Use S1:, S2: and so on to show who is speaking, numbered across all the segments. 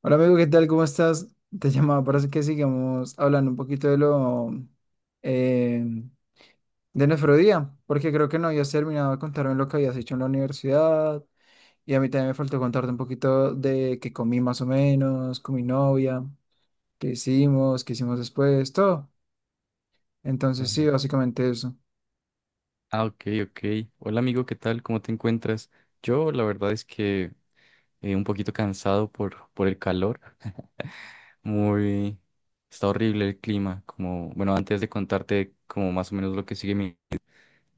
S1: Hola amigo, ¿qué tal? ¿Cómo estás? Te llamaba para que sigamos hablando un poquito de lo eh, de nuestro día, porque creo que no habías terminado de contarme lo que habías hecho en la universidad y a mí también me faltó contarte un poquito de qué comí más o menos, con mi novia, qué hicimos después, todo. Entonces
S2: Eh,
S1: sí, básicamente eso.
S2: Ah, ok, ok. Hola amigo, ¿qué tal? ¿Cómo te encuentras? Yo la verdad es que un poquito cansado por el calor. Muy... Está horrible el clima. Como, bueno, antes de contarte como más o menos lo que sigue,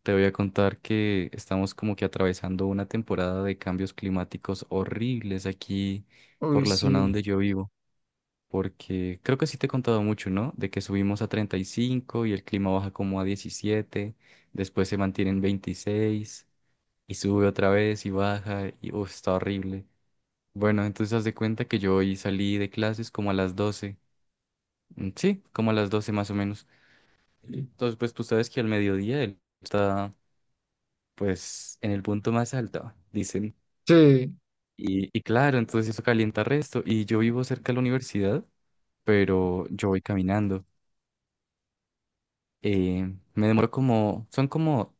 S2: te voy a contar que estamos como que atravesando una temporada de cambios climáticos horribles aquí
S1: Uy,
S2: por la zona
S1: sí.
S2: donde yo vivo. Porque creo que sí te he contado mucho, ¿no? De que subimos a 35 y el clima baja como a 17, después se mantiene en 26. Y sube otra vez y baja y uf, está horrible. Bueno, entonces haz de cuenta que yo hoy salí de clases como a las 12. Mm. Sí, como a las 12 más o menos. Entonces, pues tú sabes que al mediodía él está pues en el punto más alto, dicen.
S1: Sí,
S2: Y claro, entonces eso calienta resto. Y yo vivo cerca de la universidad, pero yo voy caminando. Eh, Me demoro como, son como,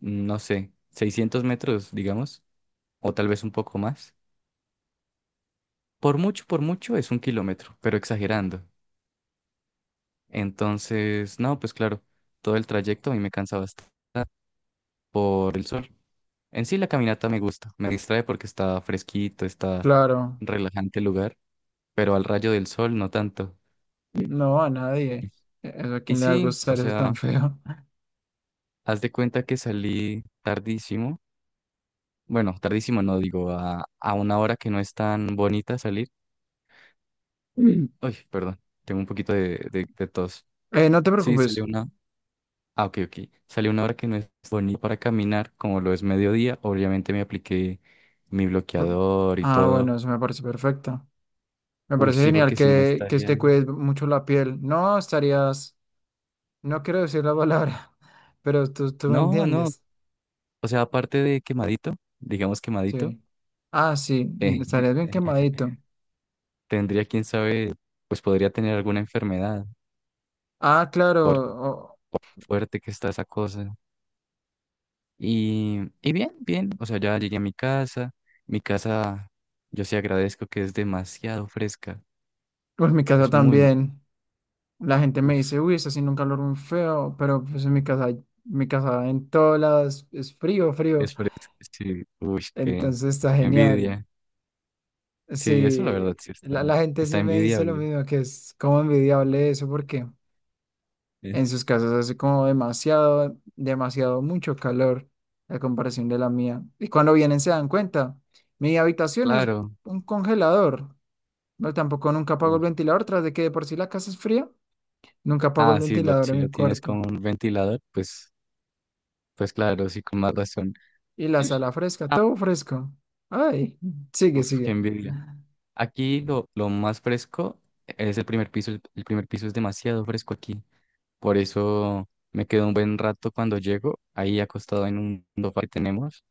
S2: no sé, 600 metros, digamos, o tal vez un poco más. Por mucho es un kilómetro, pero exagerando. Entonces, no, pues claro, todo el trayecto a mí me cansa bastante por el sol. En sí la caminata me gusta, me distrae porque está fresquito, está
S1: claro.
S2: relajante el lugar, pero al rayo del sol no tanto.
S1: No a nadie. ¿A
S2: Y
S1: quién le va a
S2: sí, o
S1: gustar eso
S2: sea,
S1: tan feo?
S2: haz de cuenta que salí tardísimo, bueno, tardísimo no, digo, a una hora que no es tan bonita salir. Mm. Uy, perdón, tengo un poquito de tos.
S1: No te
S2: Sí, salió
S1: preocupes.
S2: una, Ah, ok, ok. Salió una hora que no es bonita para caminar, como lo es mediodía. Obviamente me apliqué mi
S1: Por-
S2: bloqueador y
S1: Ah,
S2: todo.
S1: bueno, eso me parece perfecto. Me
S2: Uy,
S1: parece
S2: sí, porque
S1: genial
S2: si no
S1: que
S2: estaría.
S1: te cuides mucho la piel. No estarías, no quiero decir la palabra, pero tú me
S2: No, no.
S1: entiendes.
S2: O sea, aparte de quemadito, digamos quemadito,
S1: Sí. Ah, sí,
S2: eh,
S1: mm, estarías bien quemadito.
S2: tendría, quién sabe, pues podría tener alguna enfermedad,
S1: Ah, claro,
S2: por
S1: o-
S2: fuerte que está esa cosa. Y bien, bien. O sea, ya llegué a mi casa. Mi casa, yo sí agradezco que es demasiado fresca.
S1: pues en mi casa
S2: Es muy, muy.
S1: también. La gente me dice, uy, está haciendo un calor muy feo, pero pues en mi casa en todos lados es frío,
S2: Es
S1: frío.
S2: fresco, sí, uy, qué,
S1: Entonces está
S2: qué
S1: genial.
S2: envidia. Sí, eso la verdad
S1: Sí,
S2: sí
S1: la,
S2: está,
S1: la gente
S2: está
S1: sí me dice lo
S2: envidiable.
S1: mismo, que es como envidiable eso, porque...
S2: Eh,
S1: En sus casas hace como demasiado, demasiado mucho calor a comparación de la mía. Y cuando vienen se dan cuenta, mi habitación es
S2: Claro.
S1: un congelador. No, tampoco nunca apago el
S2: Uf.
S1: ventilador, tras de que de por sí la casa es fría, nunca apago el
S2: Ah, sí,
S1: ventilador
S2: si
S1: en
S2: lo
S1: mi
S2: tienes con
S1: cuarto.
S2: un ventilador, pues, pues claro, sí, con más razón.
S1: Y la sala fresca,
S2: Ah,
S1: todo fresco. Ay, sigue,
S2: uf, qué
S1: sigue.
S2: envidia. Aquí lo más fresco es el primer piso. El primer piso es demasiado fresco aquí. Por eso me quedo un buen rato cuando llego, ahí acostado en un sofá que tenemos.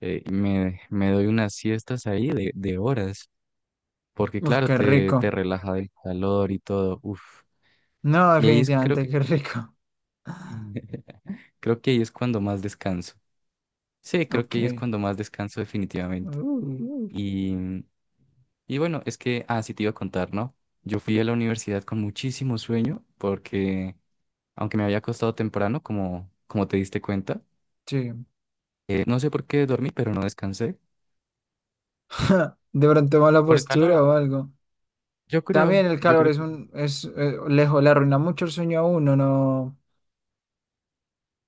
S2: Y me doy unas siestas ahí de horas. Porque
S1: Uf,
S2: claro,
S1: qué
S2: te,
S1: rico.
S2: te relaja del calor y todo. Uf.
S1: No,
S2: Y ahí es, creo
S1: definitivamente
S2: que,
S1: qué rico.
S2: Creo que ahí es cuando más descanso. Sí, creo que ahí es
S1: Ok.
S2: cuando más descanso definitivamente.
S1: Uh,
S2: Y, y bueno, es que, ah, sí te iba a contar, ¿no? Yo fui a la universidad con muchísimo sueño porque, aunque me había acostado temprano, como te diste cuenta,
S1: sí.
S2: no sé por qué dormí, pero no descansé.
S1: De pronto mala
S2: Por el calor,
S1: postura o algo. También el
S2: yo
S1: calor
S2: creo
S1: es
S2: que, sí.
S1: le arruina mucho el sueño a uno, no.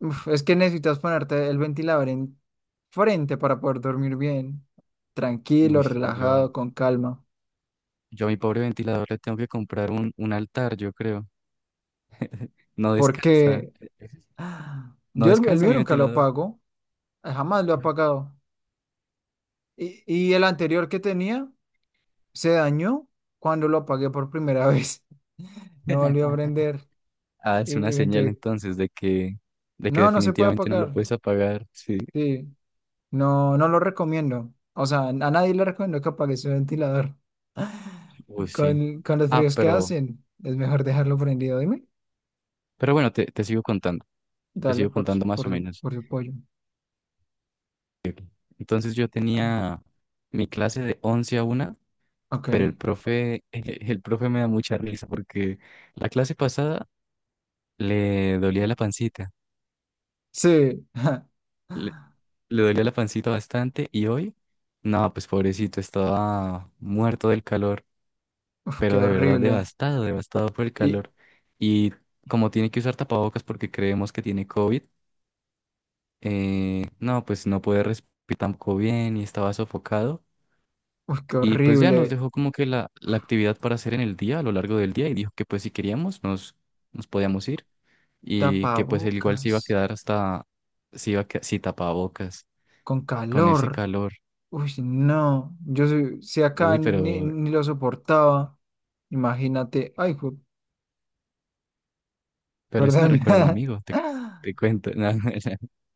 S1: Uf, es que necesitas ponerte el ventilador en frente para poder dormir bien,
S2: Uy,
S1: tranquilo,
S2: sí, yo,
S1: relajado, con calma.
S2: yo a mi pobre ventilador le tengo que comprar un altar, yo creo. No descansa.
S1: Porque ah,
S2: No
S1: yo el
S2: descansa
S1: mío
S2: mi
S1: nunca lo
S2: ventilador.
S1: apago, jamás lo he apagado. Y, y el anterior que tenía se dañó cuando lo apagué por primera vez. No volvió a prender.
S2: Ah,
S1: Y,
S2: es
S1: y
S2: una
S1: me
S2: señal
S1: tuve que-
S2: entonces de que
S1: No, no se puede
S2: definitivamente no lo
S1: apagar.
S2: puedes apagar. Sí.
S1: Sí. No, no lo recomiendo. O sea, a nadie le recomiendo que apague su ventilador.
S2: Uy, sí.
S1: Con los
S2: Ah,
S1: fríos que
S2: pero,
S1: hacen, es mejor dejarlo prendido. Dime,
S2: pero bueno, te sigo contando. Te
S1: dale
S2: sigo contando más o menos.
S1: por su pollo.
S2: Entonces yo
S1: Ah,
S2: tenía mi clase de 11 a 1, pero el
S1: Ok.
S2: profe, el profe me da mucha risa porque la clase pasada le dolía la pancita.
S1: Sí.
S2: Le, le dolía la pancita bastante y hoy, no, pues pobrecito, estaba muerto del calor.
S1: Uf,
S2: Pero
S1: qué
S2: de verdad
S1: horrible.
S2: devastado, devastado por el
S1: Y,
S2: calor. Y como tiene que usar tapabocas porque creemos que tiene COVID, no, pues no puede respirar tampoco bien y estaba sofocado.
S1: uf, qué
S2: Y pues ya nos
S1: horrible.
S2: dejó como que la actividad para hacer en el día, a lo largo del día, y dijo que pues si queríamos nos podíamos ir y que pues él igual se iba a
S1: Tapabocas
S2: quedar hasta, se iba a que- si tapabocas,
S1: con
S2: con ese
S1: calor.
S2: calor.
S1: Uy, no. Si acá
S2: Uy,
S1: ni, ni lo soportaba. Imagínate.
S2: pero eso me
S1: Perdón.
S2: recuerda a un amigo, te cuento, ¿no? No,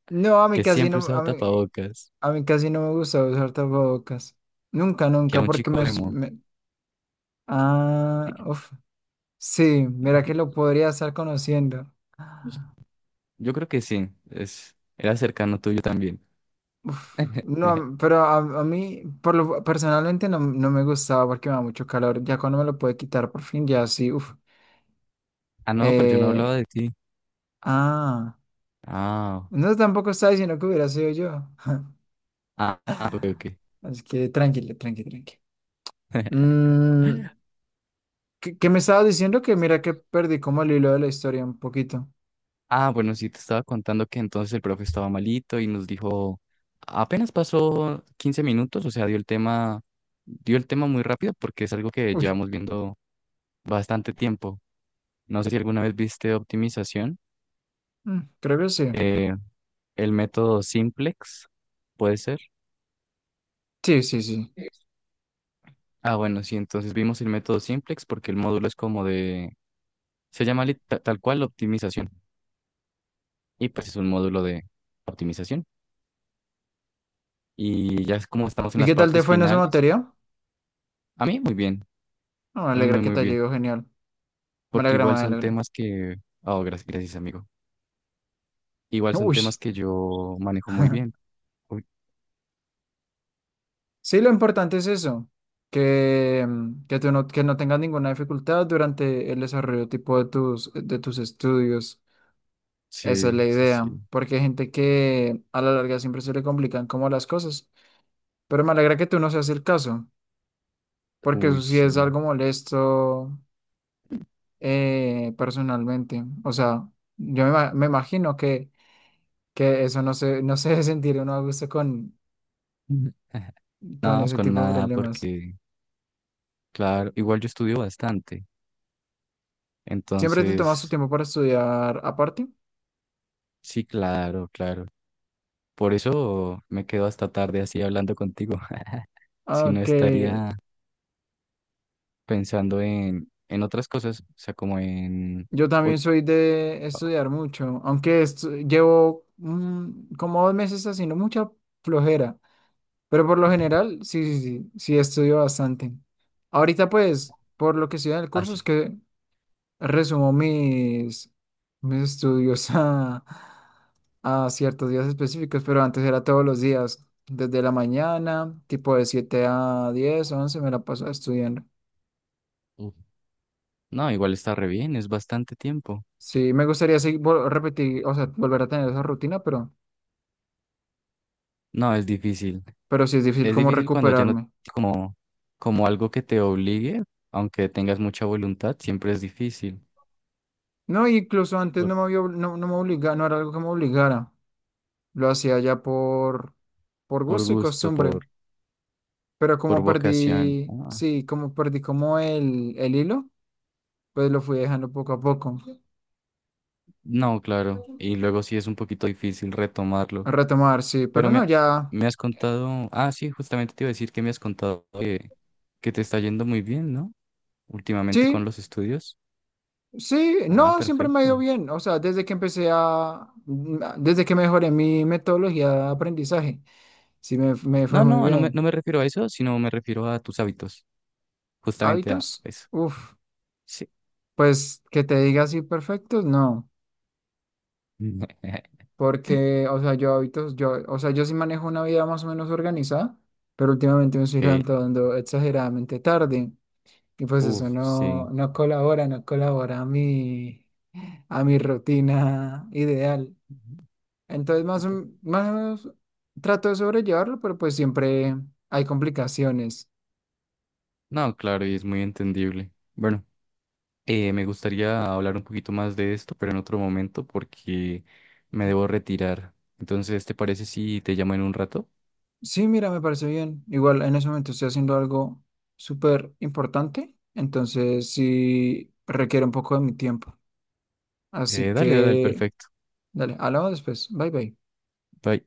S1: No, a mí
S2: que
S1: casi
S2: siempre
S1: no.
S2: usaba tapabocas,
S1: A mí casi no me gusta usar tapabocas. Nunca,
S2: que era
S1: nunca,
S2: un
S1: porque
S2: chico emo.
S1: Ah, uf. Sí, mira que lo podría estar conociendo.
S2: Pues, yo creo que sí, era cercano tuyo también.
S1: Uf. No, pero a mí, por lo, personalmente no, no me gustaba porque me da mucho calor. Ya cuando me lo pude quitar por fin, ya sí, uf.
S2: Ah, no, pero yo no hablaba
S1: Eh,
S2: de ti.
S1: ah,
S2: Ah,
S1: no, tampoco estaba diciendo que hubiera sido yo.
S2: ah, ah, ok, ok.
S1: Así que tranquilo, tranqui. Mm, ¿qué me estabas diciendo? Que mira que perdí como el hilo de la historia un poquito.
S2: Ah, bueno, sí, te estaba contando que entonces el profe estaba malito y nos dijo, apenas pasó 15 minutos, o sea, dio el tema muy rápido porque es algo que
S1: Uy.
S2: llevamos viendo bastante tiempo. No sé si alguna vez viste optimización,
S1: Mm, creo que sí.
S2: eh, el método simplex, puede ser.
S1: Sí, sí, sí.
S2: Ah, bueno, sí, entonces vimos el método simplex porque el módulo es como de, se llama tal cual optimización y pues es un módulo de optimización y ya es como estamos en
S1: ¿Y
S2: las
S1: qué tal te
S2: partes
S1: fue en esa
S2: finales.
S1: materia?
S2: A mí muy bien,
S1: No, me
S2: a mí
S1: alegra
S2: muy
S1: que
S2: muy
S1: te haya
S2: bien,
S1: ido genial. Me
S2: porque
S1: alegra, me
S2: igual son
S1: alegra.
S2: temas que, oh, gracias, gracias amigo, igual son
S1: Uy.
S2: temas que yo manejo muy bien. Uy,
S1: Sí, lo importante es eso, que, mm, que tú no, que no tengas ninguna dificultad durante el desarrollo tipo de de tus estudios. Esa es
S2: sí,
S1: la
S2: sí,
S1: idea,
S2: sí,
S1: porque hay gente que a la larga siempre se le complican como las cosas. Pero me alegra que tú no seas el caso, porque
S2: uy,
S1: eso sí es
S2: sí.
S1: algo molesto personalmente. O sea, me imagino que eso no se debe sentir uno a gusto
S2: Ujú.
S1: con
S2: No es
S1: ese
S2: con
S1: tipo de
S2: nada
S1: problemas.
S2: porque, claro, igual yo estudio bastante,
S1: ¿Siempre te tomas tu
S2: entonces,
S1: tiempo para estudiar aparte?
S2: sí, claro, claro. Por eso me quedo hasta tarde así hablando contigo. Si no
S1: Aunque
S2: estaría pensando en otras cosas, o sea, como en.
S1: yo
S2: Uy,
S1: también soy de estudiar mucho, llevo mm, como dos meses haciendo mucha flojera, pero por lo general sí, sí estudio bastante. Ahorita pues, por lo que estoy en el curso
S2: así.
S1: es que resumo mis estudios a ciertos días específicos, pero antes era todos los días, desde la mañana, tipo de 7 a 10 11 me la paso estudiando.
S2: No, igual está re bien, es bastante tiempo.
S1: Sí, me gustaría seguir, repetir, o sea, volver a tener esa rutina,
S2: No, es difícil.
S1: pero sí es difícil
S2: Es
S1: como
S2: difícil cuando ya no
S1: recuperarme.
S2: como como algo que te obligue, aunque tengas mucha voluntad, siempre es difícil
S1: No, incluso antes
S2: por,
S1: no me había, no me obligaba, no era algo que me obligara. Lo hacía ya por
S2: por
S1: gusto y
S2: gusto,
S1: costumbre. Pero
S2: por
S1: como
S2: vocación.
S1: perdí,
S2: Ah,
S1: sí, como perdí como el hilo, pues lo fui dejando poco a poco,
S2: no, claro, y luego sí es un poquito difícil retomarlo.
S1: a retomar, sí,
S2: Pero
S1: pero no, ya,
S2: me has contado, ah, sí, justamente te iba a decir que me has contado que te está yendo muy bien, ¿no? Últimamente con
S1: sí,
S2: los estudios.
S1: sí,
S2: Ah,
S1: no, siempre me ha ido
S2: perfecto.
S1: bien, o sea, desde que empecé a, mm, desde que mejoré mi metodología de aprendizaje, me fue
S2: No,
S1: muy
S2: no,
S1: bien.
S2: no me refiero a eso, sino me refiero a tus hábitos, justamente a
S1: Hábitos,
S2: eso.
S1: uff,
S2: Sí.
S1: pues que te diga así perfectos, no, porque, o sea, yo sí manejo una vida más o menos organizada, pero últimamente me estoy
S2: Ok.
S1: levantando exageradamente tarde. Y pues
S2: Uf,
S1: eso no,
S2: sí.
S1: no colabora, no colabora a a mi rutina ideal. Entonces más, o más trato de sobrellevarlo, pero pues siempre hay complicaciones.
S2: No, claro, y es muy entendible. Bueno, me gustaría hablar un poquito más de esto, pero en otro momento porque me debo retirar. Entonces, ¿te parece si te llamo en un rato?
S1: Sí, mira, me parece bien. Igual en ese momento estoy haciendo algo súper importante, entonces sí requiere un poco de mi tiempo. Así
S2: Dale, dale,
S1: que,
S2: perfecto.
S1: dale, hablamos después. Bye bye.
S2: Bye.